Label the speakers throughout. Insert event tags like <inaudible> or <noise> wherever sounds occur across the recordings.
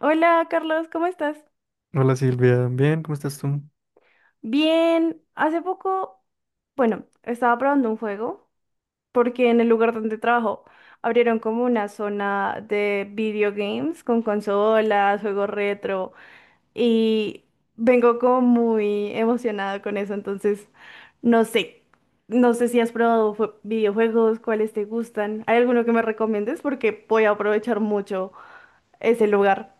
Speaker 1: Hola Carlos, ¿cómo estás?
Speaker 2: Hola Silvia, bien, ¿cómo estás tú?
Speaker 1: Bien, hace poco, bueno, estaba probando un juego porque en el lugar donde trabajo abrieron como una zona de video games con consolas, juegos retro y vengo como muy emocionada con eso, entonces no sé, no sé si has probado videojuegos, cuáles te gustan, ¿hay alguno que me recomiendes? Porque voy a aprovechar mucho ese lugar.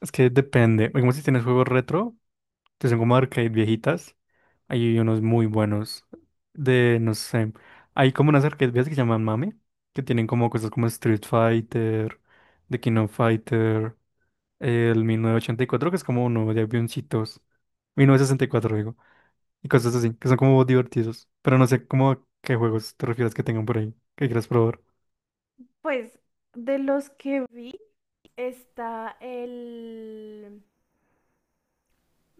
Speaker 2: Es que depende, como si tienes juegos retro, que son como arcade viejitas, hay unos muy buenos de, no sé, hay como unas arcade viejas que se llaman Mame, que tienen como cosas como Street Fighter, The King of Fighter, el 1984, que es como uno de avioncitos, 1964 digo, y cosas así, que son como divertidos, pero no sé cómo a qué juegos te refieres que tengan por ahí, que quieras probar.
Speaker 1: Pues de los que vi está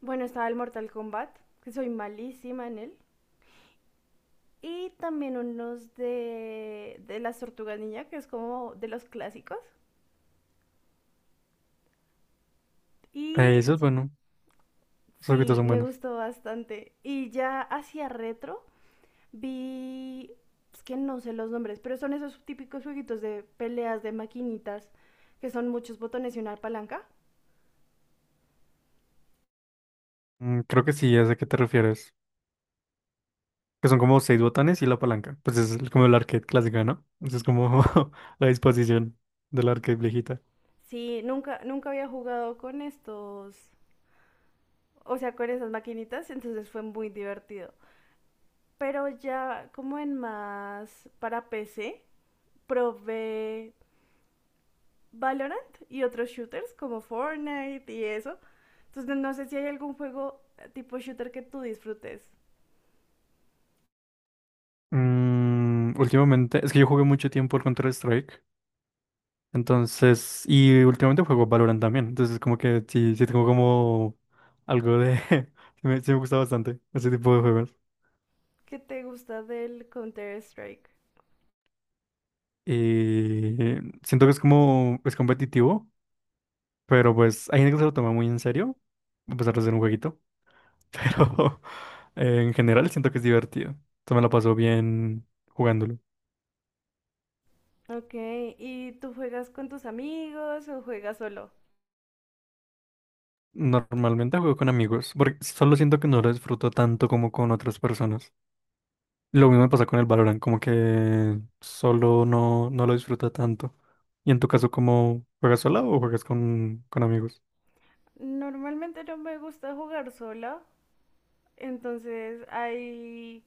Speaker 1: bueno, estaba el Mortal Kombat, que soy malísima en él. Y también unos de las Tortugas Ninja, que es como de los clásicos. Y
Speaker 2: Eso es
Speaker 1: y-
Speaker 2: bueno, esos juegos
Speaker 1: sí,
Speaker 2: son
Speaker 1: me
Speaker 2: buenos.
Speaker 1: gustó bastante. Y ya hacia retro vi... es que no sé los nombres, pero son esos típicos jueguitos de peleas de maquinitas, que son muchos botones y una palanca.
Speaker 2: Mm, creo que sí, ya sé a qué te refieres. Que son como seis botones y la palanca. Pues es como el arcade clásica, ¿no? Esa es como <laughs> la disposición del arcade viejita.
Speaker 1: Sí, nunca, nunca había jugado con estos, o sea, con esas maquinitas, entonces fue muy divertido. Pero ya como en más para PC, probé Valorant y otros shooters como Fortnite y eso. Entonces no sé si hay algún juego tipo shooter que tú disfrutes.
Speaker 2: Mm, últimamente, es que yo jugué mucho tiempo el Counter-Strike. Entonces, y últimamente juego Valorant también. Entonces, como que sí, sí tengo como algo de... <laughs> sí me gusta bastante ese tipo de juegos.
Speaker 1: ¿Qué te gusta del Counter-Strike?
Speaker 2: Y siento que es como, es competitivo, pero pues hay gente que se lo toma muy en serio, a pesar de ser un jueguito. Pero <laughs> en general siento que es divertido. Se me la paso bien jugándolo.
Speaker 1: Ok, ¿y tú juegas con tus amigos o juegas solo?
Speaker 2: Normalmente juego con amigos, porque solo siento que no lo disfruto tanto como con otras personas. Lo mismo me pasa con el Valorant, como que solo no, no lo disfruta tanto. ¿Y en tu caso, cómo juegas sola o juegas con amigos?
Speaker 1: Normalmente no me gusta jugar sola, entonces hay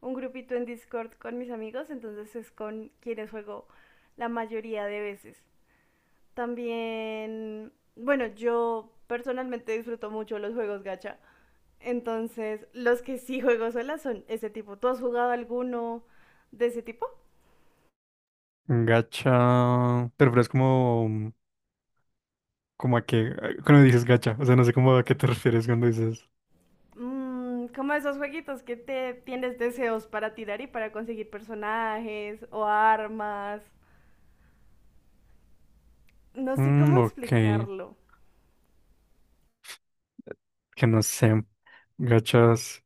Speaker 1: un grupito en Discord con mis amigos, entonces es con quienes juego la mayoría de veces. También, bueno, yo personalmente disfruto mucho los juegos gacha. Entonces, los que sí juego sola son ese tipo. ¿Tú has jugado alguno de ese tipo?
Speaker 2: Gacha, te refieres como, ¿como a qué? Ah, cuando dices gacha, o sea, no sé cómo a qué te refieres cuando dices,
Speaker 1: Mm, como esos jueguitos que te tienes deseos para tirar y para conseguir personajes o armas. No sé
Speaker 2: mm,
Speaker 1: cómo
Speaker 2: ok,
Speaker 1: explicarlo.
Speaker 2: que no sé, gachas.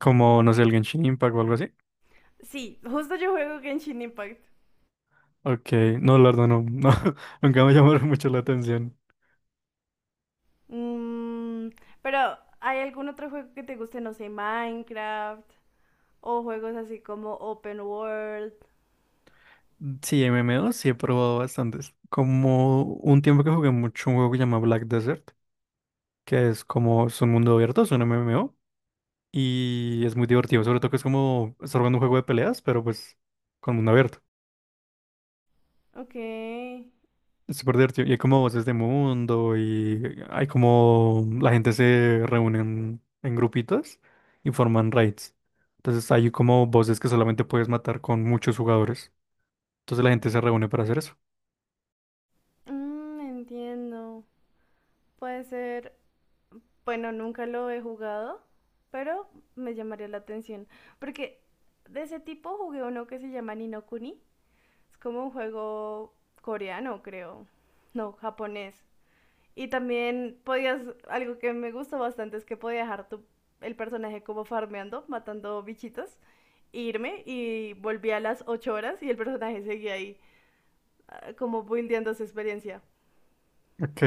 Speaker 2: Como, no sé, el Genshin Impact o algo así.
Speaker 1: Sí, justo yo juego Genshin Impact.
Speaker 2: Ok, no, la verdad, no, no, <laughs> nunca me llamaron mucho la atención.
Speaker 1: Mm, pero, ¿hay algún otro juego que te guste? No sé, Minecraft o juegos así como Open World.
Speaker 2: Sí, MMO sí he probado bastantes. Como un tiempo que jugué mucho un juego que se llama Black Desert, que es como, es un mundo abierto, es un MMO, y es muy divertido, sobre todo que es como estar jugando un juego de peleas, pero pues con mundo abierto.
Speaker 1: Ok,
Speaker 2: Es súper divertido. Y hay como voces de mundo y hay como la gente se reúne en grupitos y forman raids. Entonces hay como voces que solamente puedes matar con muchos jugadores. Entonces la gente se reúne para hacer eso.
Speaker 1: mm, entiendo. Puede ser, bueno, nunca lo he jugado, pero me llamaría la atención. Porque de ese tipo jugué uno que se llama Ni no Kuni. Es como un juego coreano, creo. No, japonés. Y también podías, algo que me gusta bastante es que podía dejar tu, el personaje como farmeando, matando bichitos, e irme y volví a las 8 horas y el personaje seguía ahí, ah, como buildeando su experiencia.
Speaker 2: <laughs> Ok.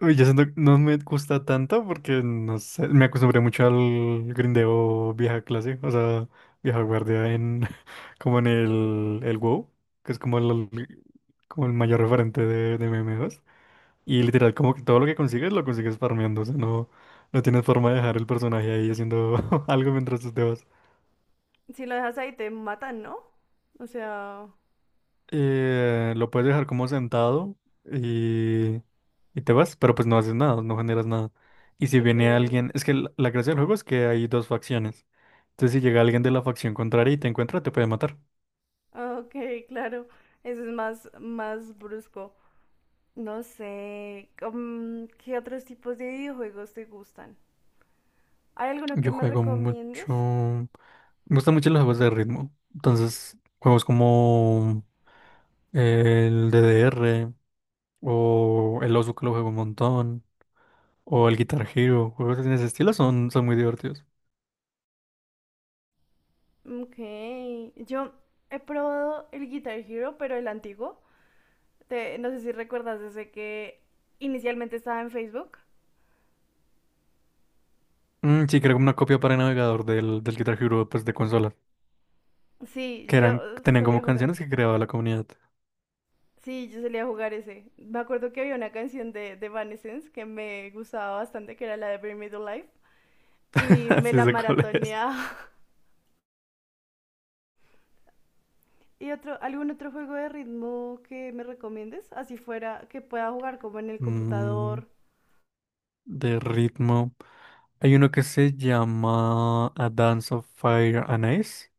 Speaker 2: Uy, yo siento que no me gusta tanto porque no sé, me acostumbré mucho al grindeo vieja clase, o sea, vieja guardia en <laughs> como en el WoW, que es como el mayor referente de MMOs. Y literal, como que todo lo que consigues lo consigues farmeando. O sea, no, no tienes forma de dejar el personaje ahí haciendo <laughs> algo mientras tú te vas.
Speaker 1: Si lo dejas ahí te matan, ¿no? O sea,
Speaker 2: Lo puedes dejar como sentado y, y te vas, pero pues no haces nada, no generas nada. Y si
Speaker 1: ok,
Speaker 2: viene alguien, es que la gracia del juego es que hay dos facciones. Entonces, si llega alguien de la facción contraria y te encuentra, te puede matar.
Speaker 1: ah, ok, claro. Eso es más, más brusco. No sé, mm, ¿qué otros tipos de videojuegos te gustan? ¿Hay alguno que
Speaker 2: Yo
Speaker 1: me
Speaker 2: juego
Speaker 1: recomiendes?
Speaker 2: mucho. Me gustan mucho los juegos de ritmo. Entonces, juegos como el DDR, o el Osu que lo juego un montón, o el Guitar Hero, juegos en ese estilo son, son muy divertidos.
Speaker 1: Ok, yo he probado el Guitar Hero, pero el antiguo. No sé si recuerdas ese que inicialmente estaba en Facebook.
Speaker 2: Mm, sí, creo que una copia para navegador del, del Guitar Hero pues, de consola,
Speaker 1: Sí,
Speaker 2: que
Speaker 1: yo
Speaker 2: eran, tenían
Speaker 1: solía
Speaker 2: como
Speaker 1: jugar.
Speaker 2: canciones que creaba la comunidad.
Speaker 1: Sí, yo solía jugar ese. Me acuerdo que había una canción de Evanescence que me gustaba bastante, que era la de Bring Me to Life,
Speaker 2: <laughs>
Speaker 1: y me
Speaker 2: Así
Speaker 1: la
Speaker 2: sé cuál es.
Speaker 1: maratoneaba. <laughs> ¿Y otro, algún otro juego de ritmo que me recomiendes? Así fuera, que pueda jugar como en el
Speaker 2: Mm,
Speaker 1: computador.
Speaker 2: de ritmo. Hay uno que se llama A Dance of Fire and Ice,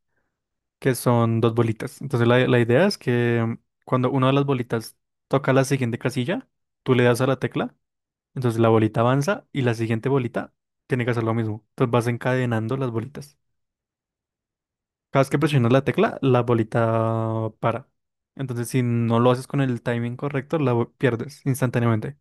Speaker 2: que son dos bolitas. Entonces la idea es que mm, cuando una de las bolitas toca la siguiente casilla, tú le das a la tecla. Entonces la bolita avanza y la siguiente bolita tiene que hacer lo mismo. Entonces vas encadenando las bolitas. Cada vez que presionas la tecla, la bolita para. Entonces si no lo haces con el timing correcto, pierdes instantáneamente.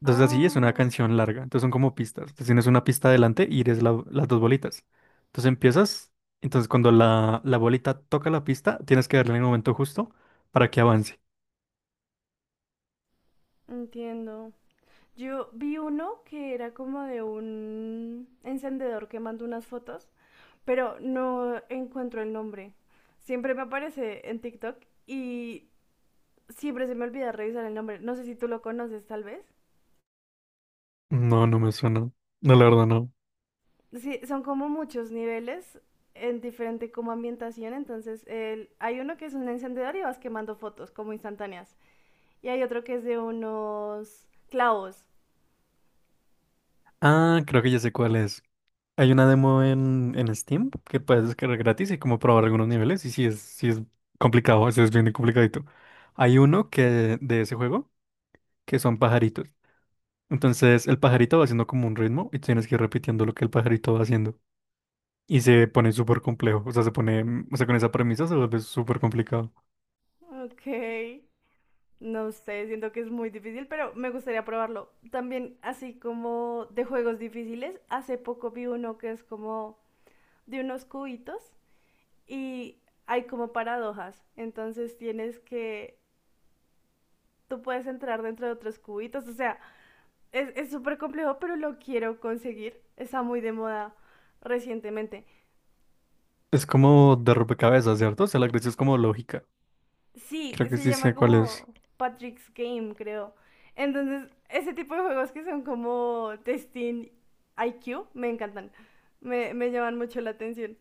Speaker 2: Entonces así es una
Speaker 1: Ah,
Speaker 2: canción larga. Entonces son como pistas. Entonces tienes una pista adelante y eres las dos bolitas. Entonces empiezas. Entonces cuando la bolita toca la pista, tienes que darle en el momento justo para que avance.
Speaker 1: entiendo. Yo vi uno que era como de un encendedor que mandó unas fotos, pero no encuentro el nombre. Siempre me aparece en TikTok y siempre se me olvida revisar el nombre. No sé si tú lo conoces, tal vez.
Speaker 2: No, no me suena. No, la verdad no.
Speaker 1: Sí, son como muchos niveles en diferente como ambientación, entonces hay uno que es un encendedor y vas quemando fotos como instantáneas. Y hay otro que es de unos clavos.
Speaker 2: Ah, creo que ya sé cuál es. Hay una demo en Steam que puedes descargar gratis y como probar algunos niveles. Y sí es complicado, o es bien complicadito. Hay uno que de ese juego que son pajaritos. Entonces el pajarito va haciendo como un ritmo y tienes que ir repitiendo lo que el pajarito va haciendo. Y se pone súper complejo. O sea, se pone, mm, o sea, con esa premisa se vuelve súper complicado.
Speaker 1: Ok. No sé, siento que es muy difícil, pero me gustaría probarlo. También, así como de juegos difíciles, hace poco vi uno que es como de unos cubitos y hay como paradojas. Entonces tienes que, tú puedes entrar dentro de otros cubitos. O sea, es súper complejo, pero lo quiero conseguir. Está muy de moda recientemente.
Speaker 2: Es como de rompecabezas, ¿cierto? O sea, la gracia es como lógica.
Speaker 1: Sí,
Speaker 2: Creo que
Speaker 1: se
Speaker 2: sí
Speaker 1: llama
Speaker 2: sé cuál es.
Speaker 1: como Patrick's Game, creo. Entonces, ese tipo de juegos que son como testing IQ, me encantan. Me llaman mucho la atención.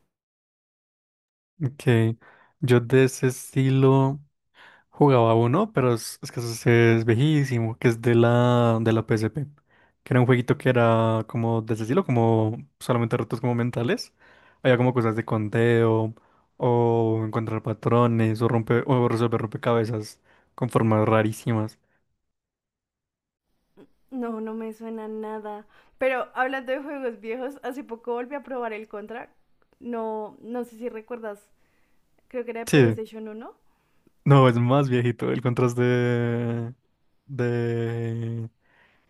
Speaker 2: Ok. Yo de ese estilo. Jugaba uno, pero es que eso sí es viejísimo, que es de la PSP. Que era un jueguito que era como de ese estilo, como solamente retos como mentales. Había como cosas de conteo, o encontrar patrones, o romper, o resolver rompecabezas con formas rarísimas.
Speaker 1: No, no me suena nada. Pero hablando de juegos viejos, hace poco volví a probar el Contra. No, no sé si recuerdas, creo que era de
Speaker 2: Sí.
Speaker 1: PlayStation uno.
Speaker 2: No, es más viejito. El contraste de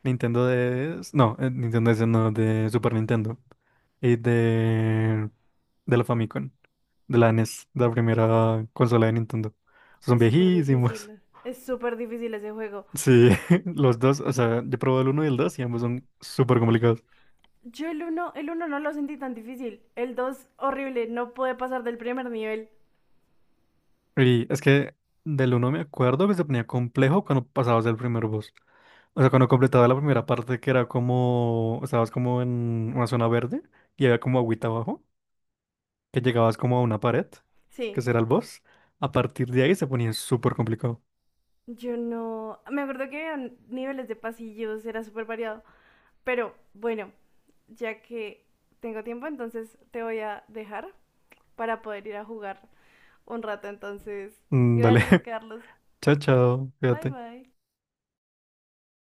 Speaker 2: Nintendo de No, Nintendo DS no, de Super Nintendo. Y de la Famicom. De la NES, de la primera consola de Nintendo. Son
Speaker 1: Es súper
Speaker 2: viejísimos.
Speaker 1: difícil. Es súper difícil ese juego.
Speaker 2: Sí, <laughs> los dos, o sea, yo probé el uno y el 2 y ambos son súper complicados.
Speaker 1: Yo el uno no lo sentí tan difícil. El 2, horrible. No pude pasar del primer nivel.
Speaker 2: Y es que del uno me acuerdo que se ponía complejo cuando pasabas el primer boss. O sea, cuando completaba la primera parte que era como, estabas como en una zona verde y había como agüita abajo, que llegabas como a una pared, que
Speaker 1: Sí,
Speaker 2: será el boss. A partir de ahí se ponía súper complicado.
Speaker 1: yo no, me acuerdo que había niveles de pasillos, era súper variado, pero bueno, ya que tengo tiempo, entonces te voy a dejar para poder ir a jugar un rato, entonces,
Speaker 2: Mm, dale,
Speaker 1: gracias
Speaker 2: <laughs>
Speaker 1: Carlos,
Speaker 2: chao, chao,
Speaker 1: bye
Speaker 2: fíjate.
Speaker 1: bye.